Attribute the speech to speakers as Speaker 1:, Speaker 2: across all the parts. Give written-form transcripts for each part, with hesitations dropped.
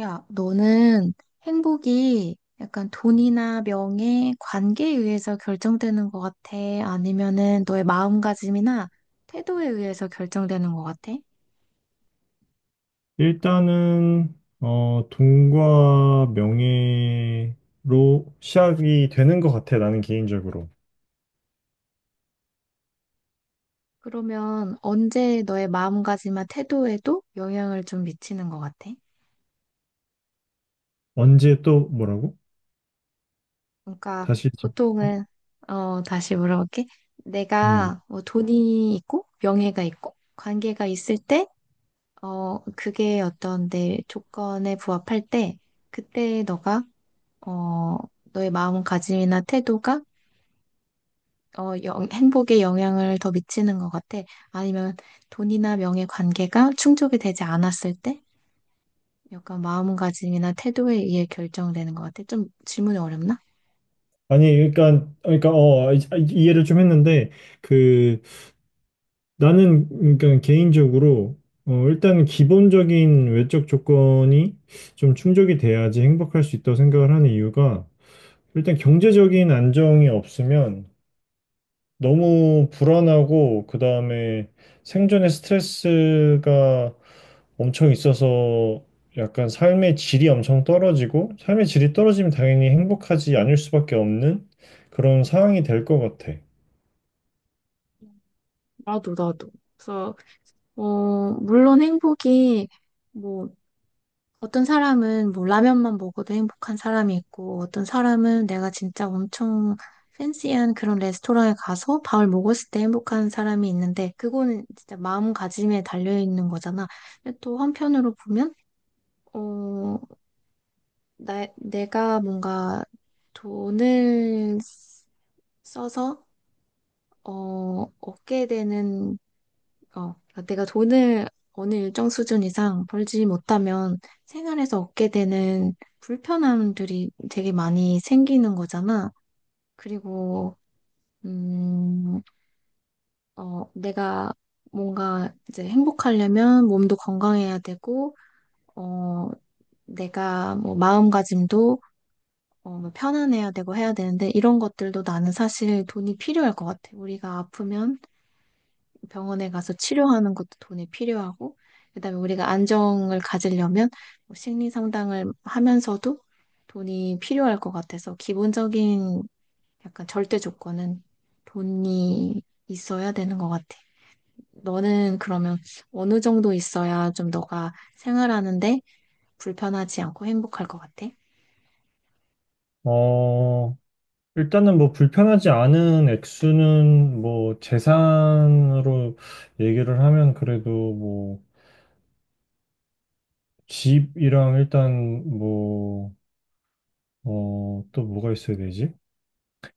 Speaker 1: 야, 너는 행복이 약간 돈이나 명예, 관계에 의해서 결정되는 것 같아? 아니면은 너의 마음가짐이나 태도에 의해서 결정되는 것 같아?
Speaker 2: 일단은 돈과 명예로 시작이 되는 것 같아. 나는 개인적으로.
Speaker 1: 그러면 언제 너의 마음가짐이나 태도에도 영향을 좀 미치는 것 같아?
Speaker 2: 언제 또 뭐라고?
Speaker 1: 그러니까
Speaker 2: 다시 좀-
Speaker 1: 보통은, 다시 물어볼게.
Speaker 2: 음.
Speaker 1: 내가 뭐 돈이 있고, 명예가 있고, 관계가 있을 때, 그게 어떤 내 조건에 부합할 때, 그때 너가 어, 너의 마음가짐이나 태도가 행복에 영향을 더 미치는 것 같아. 아니면 돈이나 명예 관계가 충족이 되지 않았을 때 약간 마음가짐이나 태도에 의해 결정되는 것 같아. 좀 질문이 어렵나?
Speaker 2: 아니 그러니까 이해를 좀 했는데 그 나는 그러니까 개인적으로 일단은 기본적인 외적 조건이 좀 충족이 돼야지 행복할 수 있다고 생각을 하는 이유가 일단 경제적인 안정이 없으면 너무 불안하고 그다음에 생존의 스트레스가 엄청 있어서 약간 삶의 질이 엄청 떨어지고 삶의 질이 떨어지면 당연히 행복하지 않을 수밖에 없는 그런 상황이 될 것 같아.
Speaker 1: 나도, 나도. 그래서, 물론 행복이, 뭐, 어떤 사람은 뭐 라면만 먹어도 행복한 사람이 있고, 어떤 사람은 내가 진짜 엄청 팬시한 그런 레스토랑에 가서 밥을 먹었을 때 행복한 사람이 있는데, 그거는 진짜 마음가짐에 달려있는 거잖아. 근데 또 한편으로 보면, 어, 내가 뭔가 돈을 써서, 얻게 되는 그러니까 내가 돈을 어느 일정 수준 이상 벌지 못하면 생활에서 얻게 되는 불편함들이 되게 많이 생기는 거잖아. 그리고, 음, 내가 뭔가 이제 행복하려면 몸도 건강해야 되고, 어, 내가 뭐 마음가짐도 뭐 편안해야 되고 해야 되는데 이런 것들도 나는 사실 돈이 필요할 것 같아. 우리가 아프면 병원에 가서 치료하는 것도 돈이 필요하고, 그다음에 우리가 안정을 가지려면 뭐 심리 상담을 하면서도 돈이 필요할 것 같아서 기본적인 약간 절대 조건은 돈이 있어야 되는 것 같아. 너는 그러면 어느 정도 있어야 좀 너가 생활하는데 불편하지 않고 행복할 것 같아?
Speaker 2: 어, 일단은 뭐 불편하지 않은 액수는 뭐 재산으로 얘기를 하면 그래도 뭐 집이랑 일단 뭐, 또 뭐가 있어야 되지?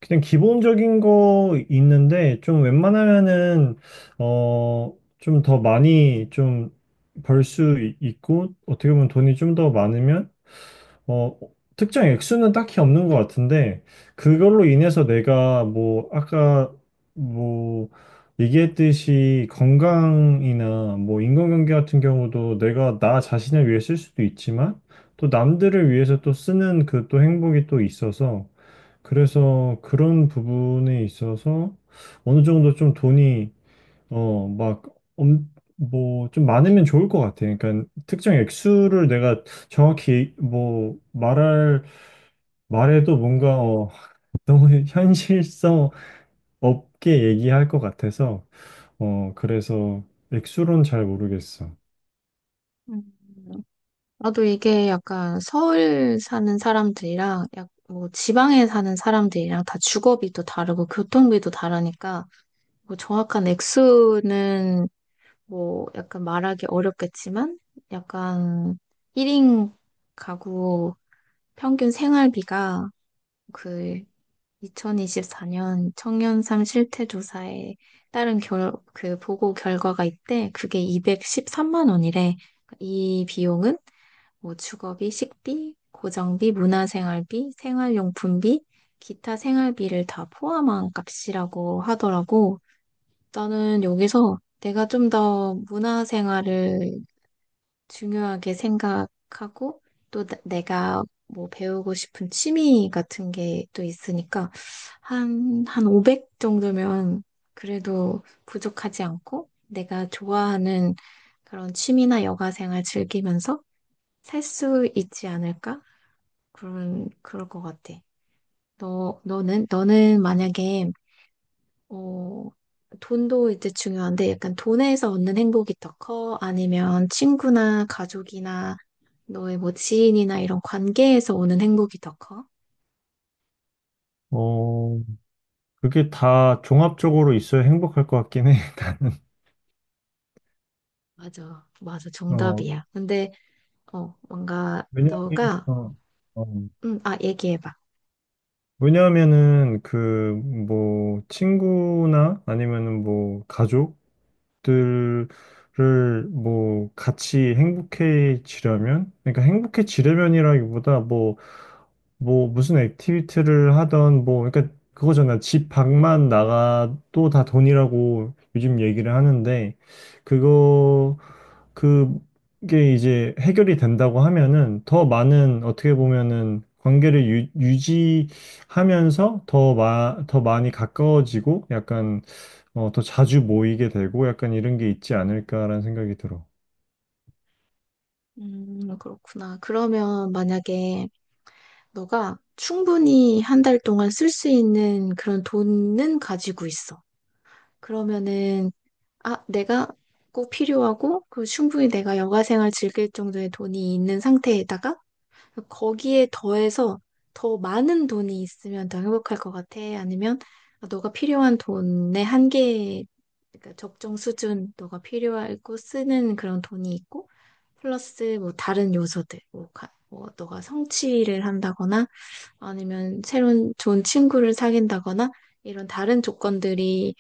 Speaker 2: 그냥 기본적인 거 있는데 좀 웬만하면은 어 좀 더 많이 좀 벌 수 있고 어떻게 보면 돈이 좀 더 많으면 어, 특정 액수는 딱히 없는 것 같은데, 그걸로 인해서 내가 뭐, 아까 뭐, 얘기했듯이, 건강이나 뭐, 인간관계 같은 경우도 내가 나 자신을 위해 쓸 수도 있지만, 또 남들을 위해서 또 쓰는 그 또 행복이 또 있어서, 그래서 그런 부분에 있어서 어느 정도 좀 돈이 어, 막, 좀 많으면 좋을 것 같아. 그러니까, 특정 액수를 내가 정확히, 뭐, 말할, 말해도 뭔가, 너무 현실성 없게 얘기할 것 같아서, 그래서 액수로는 잘 모르겠어.
Speaker 1: 음. 나도 이게 약간 서울 사는 사람들이랑 약 뭐 지방에 사는 사람들이랑 다 주거비도 다르고 교통비도 다르니까 뭐 정확한 액수는 뭐 약간 말하기 어렵겠지만 약간 1인 가구 평균 생활비가 그 2024년 청년삶 실태조사에 따른 그 보고 결과가 있대. 그게 213만 원이래. 그러니까 이 비용은 뭐 주거비, 식비, 고정비, 문화생활비, 생활용품비, 기타 생활비를 다 포함한 값이라고 하더라고. 나는 여기서 내가 좀 더 문화생활을 중요하게 생각하고 또 내가 뭐 배우고 싶은 취미 같은 게 또 있으니까 한 500 정도면 그래도 부족하지 않고 내가 좋아하는 그런 취미나 여가 생활 즐기면서 살 수 있지 않을까? 그럴 것 같아. 너는 만약에, 어, 돈도 이제 중요한데 약간 돈에서 얻는 행복이 더 커? 아니면 친구나 가족이나 너의 뭐 지인이나 이런 관계에서 오는 행복이 더 커?
Speaker 2: 어, 그게 다 종합적으로 있어야 행복할 것 같긴 해, 나는.
Speaker 1: 맞아, 맞아,
Speaker 2: 어,
Speaker 1: 정답이야. 근데, 뭔가
Speaker 2: 왜냐면,
Speaker 1: 너가,
Speaker 2: 어, 어.
Speaker 1: 얘기해봐.
Speaker 2: 왜냐하면은 그 뭐 친구나 아니면은 뭐 가족 것들을 뭐 같이 행복해지려면 그러니까 행복해지려면이라기보다 뭐 무슨 액티비티를 하던 뭐 그러니까 그거잖아. 집 밖만 나가도 다 돈이라고 요즘 얘기를 하는데 그거 그게 이제 해결이 된다고 하면은 더 많은 어떻게 보면은 관계를 유지하면서 더 많이 가까워지고 약간 더 자주 모이게 되고 약간 이런 게 있지 않을까라는 생각이 들어.
Speaker 1: 그렇구나. 그러면 만약에 너가 충분히 한 달 동안 쓸 수 있는 그런 돈은 가지고 있어. 그러면은 내가 꼭 필요하고, 그 충분히 내가 여가생활 즐길 정도의 돈이 있는 상태에다가, 거기에 더해서 더 많은 돈이 있으면 더 행복할 것 같아? 아니면, 너가 필요한 돈의 한계, 그러니까 적정 수준, 너가 필요하고 쓰는 그런 돈이 있고, 플러스 뭐 다른 요소들, 뭐, 뭐 너가 성취를 한다거나, 아니면 새로운 좋은 친구를 사귄다거나, 이런 다른 조건들이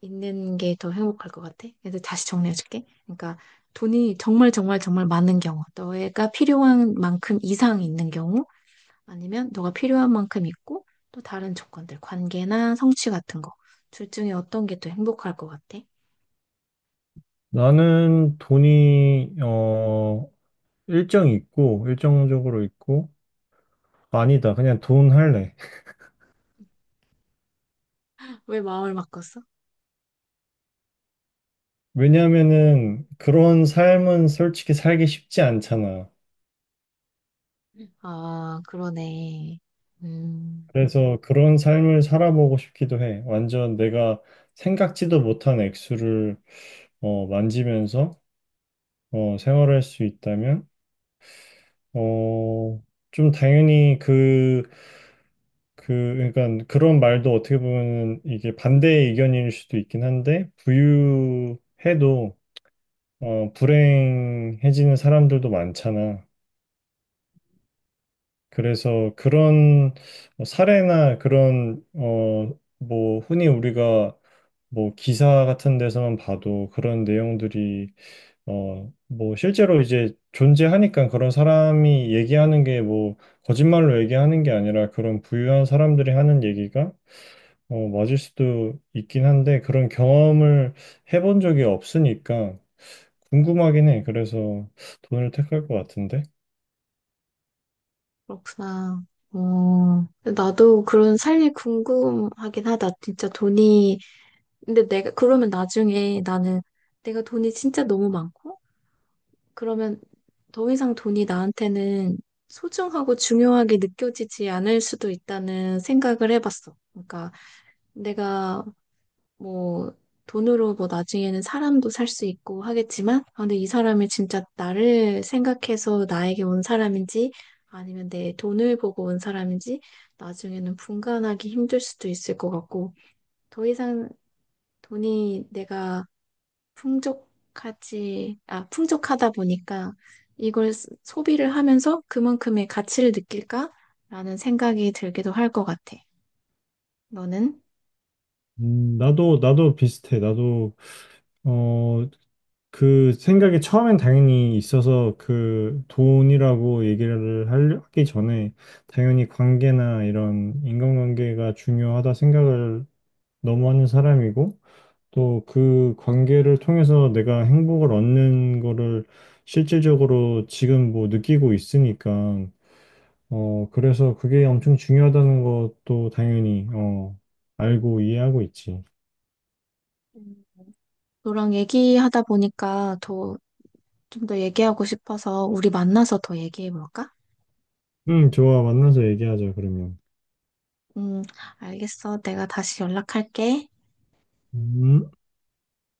Speaker 1: 있는 게 더 행복할 것 같아. 그래서 다시 정리해줄게. 그러니까 돈이 정말 정말 정말 많은 경우, 너가 필요한 만큼 이상 있는 경우, 아니면 너가 필요한 만큼 있고 또 다른 조건들, 관계나 성취 같은 거. 둘 중에 어떤 게 더 행복할 것 같아?
Speaker 2: 나는 돈이, 일정 있고, 일정적으로 있고, 아니다. 그냥 돈 할래.
Speaker 1: 왜 마음을 바꿨어?
Speaker 2: 왜냐면은 그런 삶은 솔직히 살기 쉽지 않잖아.
Speaker 1: 아, 그러네. 음,
Speaker 2: 그래서 그런 삶을 살아보고 싶기도 해. 완전 내가 생각지도 못한 액수를, 만지면서, 생활할 수 있다면, 어, 좀 당연히 그러니까 그런 말도 어떻게 보면 이게 반대의 의견일 수도 있긴 한데, 부유해도 불행해지는 사람들도 많잖아. 그래서 그런 뭐 사례나 그런 뭐 흔히 우리가 뭐 기사 같은 데서만 봐도 그런 내용들이 뭐 실제로 이제 존재하니까 그런 사람이 얘기하는 게 뭐 거짓말로 얘기하는 게 아니라 그런 부유한 사람들이 하는 얘기가 맞을 수도 있긴 한데 그런 경험을 해본 적이 없으니까 궁금하긴 해. 그래서 돈을 택할 것 같은데.
Speaker 1: 그렇구나. 어, 나도 그런 삶이 궁금하긴 하다. 진짜 돈이 근데 내가 그러면 나중에 나는 내가 돈이 진짜 너무 많고 그러면 더 이상 돈이 나한테는 소중하고 중요하게 느껴지지 않을 수도 있다는 생각을 해봤어. 그러니까 내가 뭐 돈으로 뭐 나중에는 사람도 살 수 있고 하겠지만 아, 근데 이 사람이 진짜 나를 생각해서 나에게 온 사람인지 아니면 내 돈을 보고 온 사람인지 나중에는 분간하기 힘들 수도 있을 것 같고 더 이상 돈이 내가 풍족하다 보니까 이걸 소비를 하면서 그만큼의 가치를 느낄까라는 생각이 들기도 할 것 같아. 너는?
Speaker 2: 나도 비슷해. 나도 어, 그 생각이 처음엔 당연히 있어서 그 돈이라고 하기 전에 당연히 관계나 이런 인간관계가 중요하다 생각을 너무 하는 사람이고 또 그 관계를 통해서 내가 행복을 얻는 거를 실질적으로 지금 뭐 느끼고 있으니까, 그래서 그게 엄청 중요하다는 것도 당연히, 알고 이해하고 있지.
Speaker 1: 음. 너랑 얘기하다 보니까 더, 좀 더 얘기하고 싶어서 우리 만나서 더 얘기해 볼까?
Speaker 2: 응, 좋아. 만나서 얘기하자, 그러면.
Speaker 1: 음, 알겠어. 내가 다시 연락할게.
Speaker 2: 음.